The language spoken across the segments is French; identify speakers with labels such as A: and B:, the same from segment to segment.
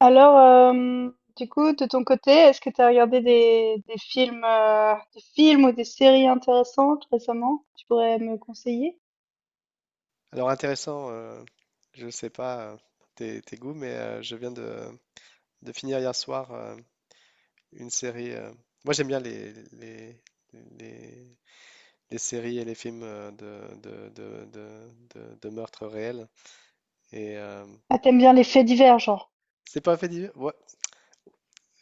A: Alors, du coup, de ton côté, est-ce que tu as regardé des films ou des séries intéressantes récemment? Tu pourrais me conseiller?
B: Alors intéressant, je ne sais pas tes goûts, mais je viens de finir hier soir une série. Moi j'aime bien les, les séries et les films de meurtres réels. Et
A: Ah, t'aimes bien les faits divers, genre.
B: c'est pas un fait divers? Ouais,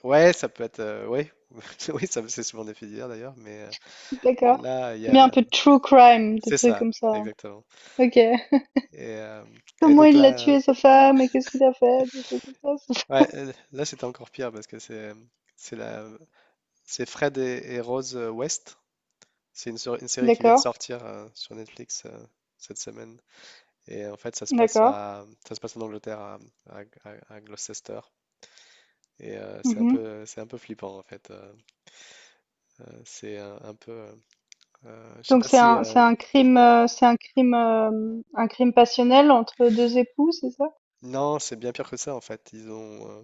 B: ouais, ça peut être. Ouais. Oui, ça c'est souvent des faits divers d'ailleurs, mais
A: D'accord.
B: là, il y
A: T'aimes
B: a
A: bien un
B: la-
A: peu de true crime, des
B: c'est
A: trucs
B: ça,
A: comme ça.
B: exactement.
A: Ok.
B: Et, euh, et
A: Comment
B: donc
A: il l'a
B: là,
A: tué, sa femme, et qu'est-ce qu'il a fait, des trucs comme ça.
B: ouais, là c'était encore pire parce que c'est. C'est la, C'est Fred et Rose West. C'est une série qui vient de
A: D'accord,
B: sortir sur Netflix cette semaine. Et en fait,
A: d'accord.
B: ça se passe en Angleterre, à Gloucester. Et
A: Mhm.
B: c'est un peu flippant en fait. C'est un peu, je sais
A: Donc
B: pas si,
A: un crime passionnel entre deux époux, c'est ça?
B: non, c'est bien pire que ça en fait. Ils ont,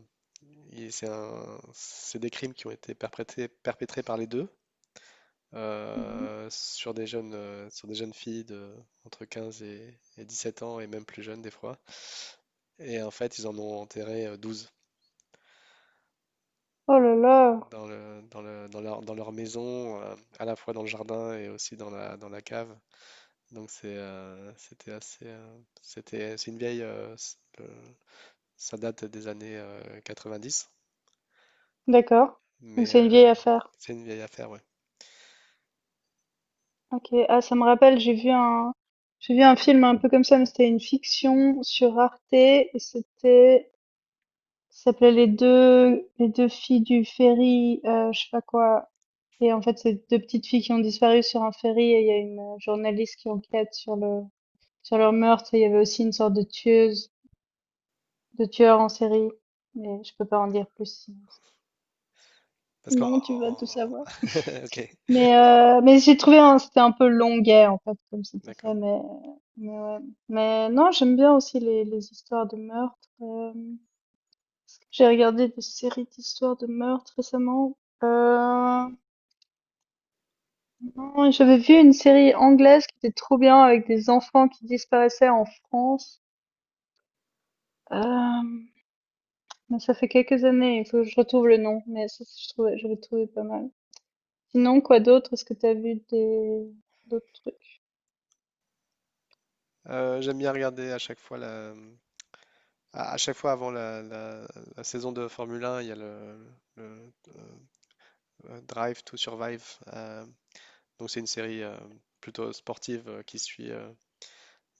B: et C'est c'est des crimes qui ont été perpétrés, par les deux
A: Mhm.
B: sur des jeunes filles de, entre 15 et sept ans et même plus jeunes des fois. Et en fait, ils en ont enterré 12
A: Oh là là.
B: dans dans leur maison, à la fois dans le jardin et aussi dans la cave. Donc c'est, c'était assez, c'était, c'est une vieille, ça date des années 90,
A: D'accord. Donc
B: mais
A: c'est une vieille affaire.
B: c'est une vieille affaire, ouais.
A: OK. Ah, ça me rappelle, j'ai vu un film un peu comme ça, mais c'était une fiction sur Arte et c'était ça s'appelait Les deux filles du ferry, je sais pas quoi et en fait, c'est 2 petites filles qui ont disparu sur un ferry et il y a une, journaliste qui enquête sur leur meurtre et il y avait aussi une sorte de tueuse de tueur en série, mais je peux pas en dire plus sinon
B: Parce qu'en,
A: sinon tu vas tout
B: en-
A: savoir.
B: ok,
A: Mais j'ai trouvé c'était un peu longuet en fait comme c'était
B: d'accord.
A: fait mais ouais. Mais non j'aime bien aussi les histoires de meurtre. J'ai regardé des séries d'histoires de meurtre récemment. Euh, non, j'avais vu une série anglaise qui était trop bien avec des enfants qui disparaissaient en France. Euh, mais ça fait quelques années, il faut que je retrouve le nom, mais ça, j'avais trouvé pas mal. Sinon, quoi d'autre? Est-ce que t'as vu des d'autres trucs?
B: J'aime bien regarder à chaque fois à chaque fois avant la saison de Formule 1, il y a le, euh, Drive to Survive. euh, Donc c'est une série plutôt sportive qui suit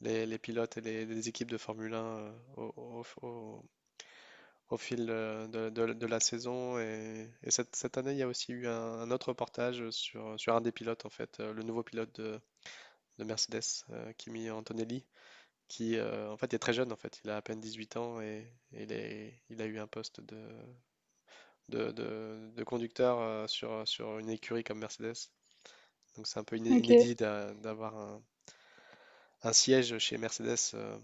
B: les pilotes et les équipes de Formule 1 au fil de la saison. Et cette année, il y a aussi eu un autre reportage sur un des pilotes, en fait, le nouveau pilote de Mercedes, Kimi Antonelli, qui en fait est très jeune, en fait, il a à peine 18 ans et il a eu un poste de conducteur sur une écurie comme Mercedes. Donc c'est un peu
A: Ok.
B: inédit d'avoir un siège chez Mercedes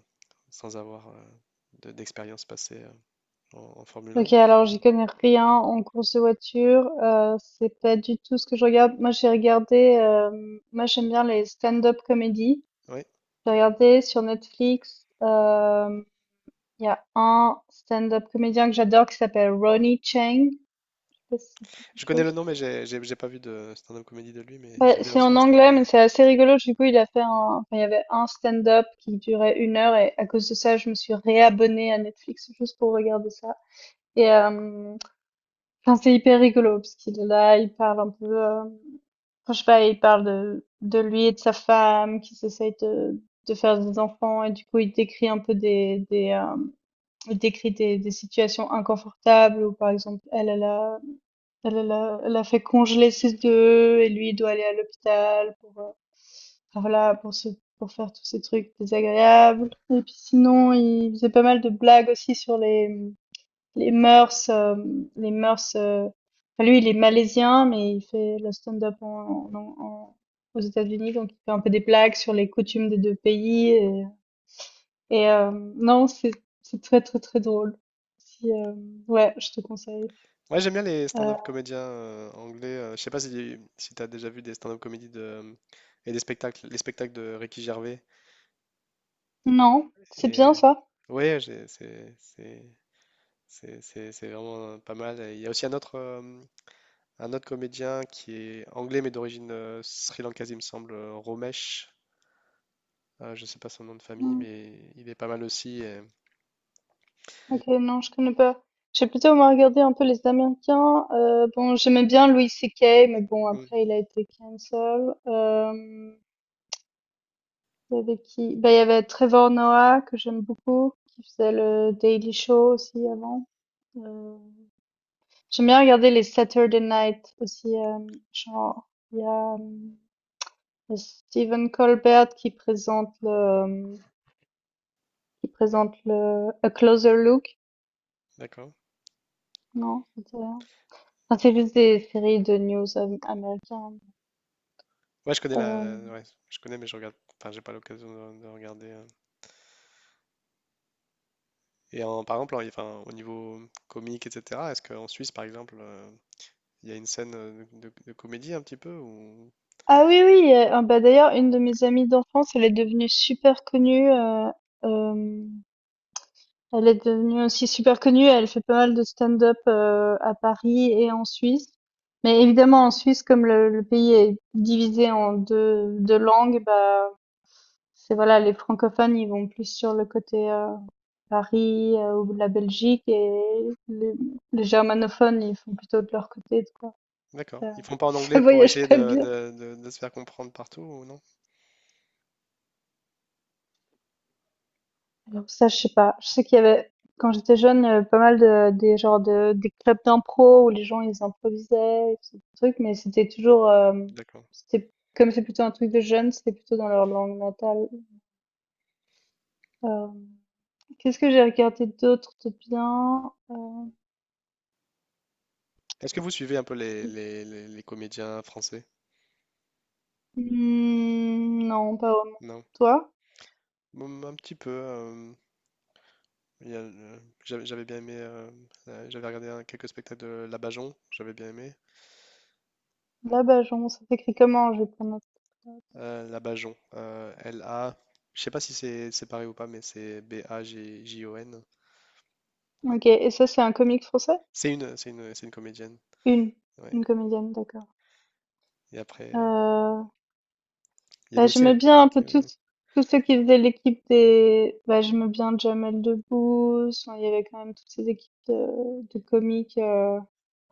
B: sans avoir d'expérience passée en Formule 1.
A: Ok, alors j'y connais rien en course de voiture, c'est pas du tout ce que je regarde. Moi j'aime bien les stand-up comedy.
B: Ouais.
A: J'ai regardé sur Netflix, il y a un stand-up comédien que j'adore qui s'appelle Ronnie Chang. Je sais pas si ça te dit
B: Je
A: quelque
B: connais le
A: chose.
B: nom, mais j'ai pas vu de stand-up comédie de lui, mais
A: Ouais,
B: j'aime bien
A: c'est
B: aussi
A: en
B: la stand-up
A: anglais mais
B: comédie.
A: c'est assez rigolo. Du coup il a fait un, enfin il y avait un stand-up qui durait 1 heure et à cause de ça je me suis réabonnée à Netflix juste pour regarder ça. Et euh, Enfin, c'est hyper rigolo parce qu'il est là, il parle un peu, enfin, je sais pas, il parle de lui et de sa femme qui s'essayent de faire des enfants et du coup il décrit un peu des il décrit des situations inconfortables où par exemple elle a fait congeler ses œufs et lui il doit aller à l'hôpital enfin, voilà, pour faire tous ces trucs désagréables. Et puis sinon, il faisait pas mal de blagues aussi sur les mœurs, enfin, lui, il est malaisien, mais il fait le stand-up en en en aux États-Unis, donc il fait un peu des blagues sur les coutumes des 2 pays et et non, c'est très, très, très drôle. Si, ouais, je te conseille.
B: Ouais, j'aime bien les stand-up
A: Heu,
B: comédiens anglais. Je sais pas si, si tu as déjà vu des stand-up comédies de, et des spectacles, les spectacles de Ricky Gervais.
A: non, c'est
B: Et, euh,
A: bien ça?
B: ouais, c'est vraiment pas mal. Et il y a aussi un autre comédien qui est anglais, mais d'origine sri-lankaise, il me semble, Romesh. Ah, je sais pas son nom de famille,
A: Mmh.
B: mais il est pas mal aussi. Et
A: OK, non, je connais pas. J'ai plutôt, moi, regardé un peu les Américains, bon, j'aimais bien Louis C.K. mais bon,
B: mm,
A: après il a été cancel, hem Il y avait qui? Bah, il y avait Trevor Noah que j'aime beaucoup, qui faisait le Daily Show aussi avant. Euh, J'aime bien regarder les Saturday Night aussi. Genre, il y a le Stephen Colbert qui présente le A Closer Look.
B: d'accord.
A: Non, c'était rien. Enfin, c'est juste des séries de news américaines.
B: Ouais, je connais
A: Euh,
B: la. Ouais, je connais, mais je regarde. Enfin, j'ai pas l'occasion de regarder. Euh. Et en, par exemple, en- enfin, au niveau comique, etc. Est-ce qu'en Suisse, par exemple, il y a une scène de comédie un petit peu ou...
A: Ah oui, oui. Ah bah d'ailleurs, une de mes amies d'enfance, elle est devenue super connue. Euh, Elle est devenue aussi super connue, elle fait pas mal de stand-up, à Paris et en Suisse. Mais évidemment en Suisse comme le pays est divisé en deux 2 langues, bah, c'est voilà les francophones ils vont plus sur le côté, Paris, ou de la Belgique et les germanophones ils font plutôt de leur côté, tu vois?
B: D'accord.
A: Ça
B: Ils font pas en
A: ça
B: anglais pour
A: voyage
B: essayer
A: pas bien.
B: de se faire comprendre partout ou non?
A: Alors ça, je sais pas. Je sais qu'il y avait, quand j'étais jeune, il y avait pas mal des genres des clubs d'impro où les gens, ils improvisaient, et tout ce truc, mais c'était toujours,
B: D'accord.
A: c'était, comme c'est plutôt un truc de jeunes, c'était plutôt dans leur langue natale. Euh, Qu'est-ce que j'ai regardé d'autre de bien?
B: Est-ce que vous suivez un peu les comédiens français?
A: Hmm, non, pas vraiment.
B: Non.
A: Toi?
B: Mm, un petit peu. Il y a le- j'avais bien aimé, j'avais regardé quelques spectacles de Labajon, j'avais bien aimé.
A: Là, bah, genre, ça s'écrit comment? Je vais prendre un-
B: Labajon, L-A, je sais pas si c'est pareil ou pas, mais c'est B-A-G-J-O-N.
A: Ok, et ça, c'est un comique français?
B: C'est une comédienne.
A: Une.
B: Ouais.
A: Une comédienne, d'accord.
B: Et après,
A: Euh,
B: il y avait
A: Bah,
B: aussi un
A: j'aimais bien un
B: comique,
A: peu tous ceux qui faisaient l'équipe bah, j'aimais bien Jamel Debbouze, enfin, il y avait quand même toutes ces équipes de comiques,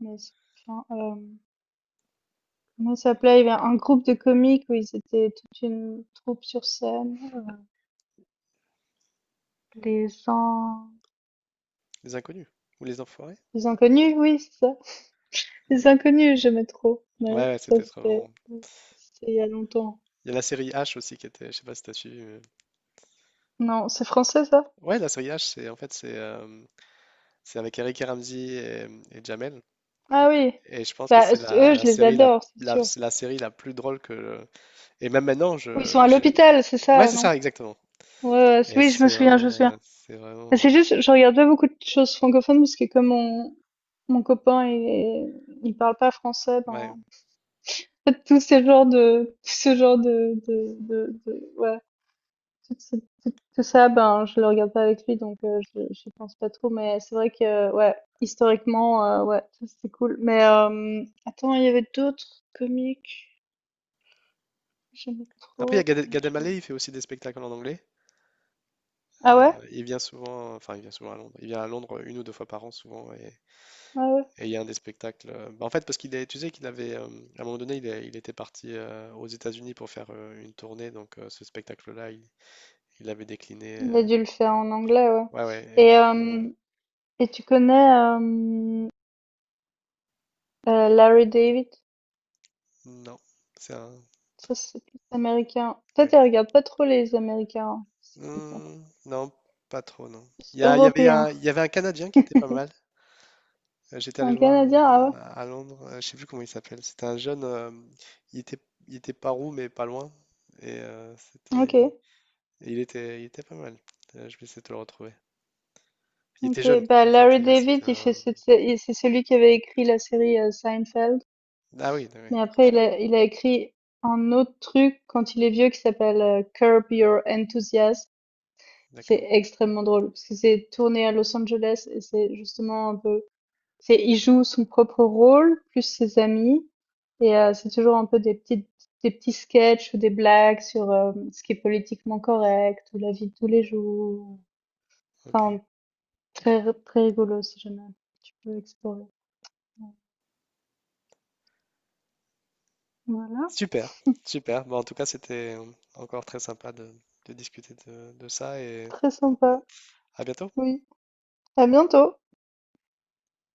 A: mais c'est- enfin, comment ça s'appelait? Il y avait un groupe de comiques où ils étaient toute une troupe sur scène, les gens,
B: Les Inconnus ou Les Enfoirés.
A: les inconnus, oui, c'est ça. Les inconnus, j'aimais trop.
B: Ouais,
A: Ouais,
B: ouais,
A: ça
B: c'était trop
A: c'était,
B: marrant.
A: c'était il y a longtemps.
B: Il y a la série H aussi qui était, je sais pas si t'as suivi. Mais
A: Non, c'est français ça?
B: ouais, la série H, c'est en fait c'est avec Eric et Ramzy et Jamel.
A: Ah oui.
B: Et je pense que
A: Bah,
B: c'est la,
A: eux,
B: la
A: je les
B: série la
A: adore, c'est
B: la,
A: sûr.
B: c'est la série la plus drôle que, et même maintenant,
A: Ou ils sont à l'hôpital, c'est
B: ouais,
A: ça,
B: c'est
A: non?
B: ça, exactement.
A: Ouais, ouais,
B: Et
A: oui, je me souviens, je me souviens.
B: c'est
A: Mais
B: vraiment...
A: c'est juste, je regarde pas beaucoup de choses francophones parce que comme mon copain il parle pas français, ben,
B: Ouais.
A: en fait, tout ce genre ouais, tout, ce- tout ça, ben, je le regarde pas avec lui, donc je pense pas trop. Mais c'est vrai que, ouais, historiquement, ouais, ça, c'est cool. Mais attends, il y avait d'autres comiques, que j'aimais
B: Après, il y a
A: trop.
B: Gad, Gad Elmaleh, il fait aussi des spectacles en anglais.
A: Ah
B: Euh,
A: ouais,
B: il vient souvent... Enfin, il vient souvent à Londres. Il vient à Londres une ou deux fois par an, souvent.
A: ah ouais,
B: Et il y a un des spectacles... bah, en fait, parce qu'il est... Tu sais qu'il avait... à un moment donné, il était parti aux États-Unis pour faire une tournée. Donc, ce spectacle-là, il l'avait décliné.
A: il a
B: Euh,
A: dû le faire en anglais, ouais.
B: ouais, ouais. Et
A: Et
B: du coup...
A: euh, Et tu connais, Larry David?
B: Non. C'est un...
A: Ça, c'est plus américain. Toi, tu
B: D'accord.
A: regardes pas trop les Américains, hein, si j'ai bien compris.
B: Hmm, non, pas trop, non. Il y avait un,
A: Européens.
B: il y avait un Canadien qui était pas mal. J'étais allé
A: Un
B: le voir
A: Canadien? Ah
B: à Londres, je sais plus comment il s'appelle. C'était un jeune, il était, il était pas roux mais pas loin. Et euh,
A: ouais?
B: c'était,
A: OK.
B: et il était pas mal. Je vais essayer de te le retrouver. Il était
A: OK.
B: jeune
A: Bah,
B: en fait.
A: Larry
B: Et
A: David,
B: c'était
A: il fait
B: un.
A: cette sé il c'est celui qui avait écrit la série, Seinfeld.
B: Ah oui, oui,
A: Mais
B: d'accord,
A: après, il a écrit un autre truc quand il est vieux qui s'appelle, Curb Your Enthusiasm. C'est
B: d'accord,
A: extrêmement drôle parce que c'est tourné à Los Angeles et c'est justement un peu c'est il joue son propre rôle plus ses amis Et c'est toujours un peu des petits sketchs ou des blagues sur, ce qui est politiquement correct ou la vie de tous les jours.
B: ok.
A: Enfin, très rigolo si jamais tu peux explorer. Voilà,
B: Super, super. Bon, en tout cas, c'était encore très sympa de discuter de ça et
A: très sympa.
B: à bientôt.
A: Oui, à bientôt.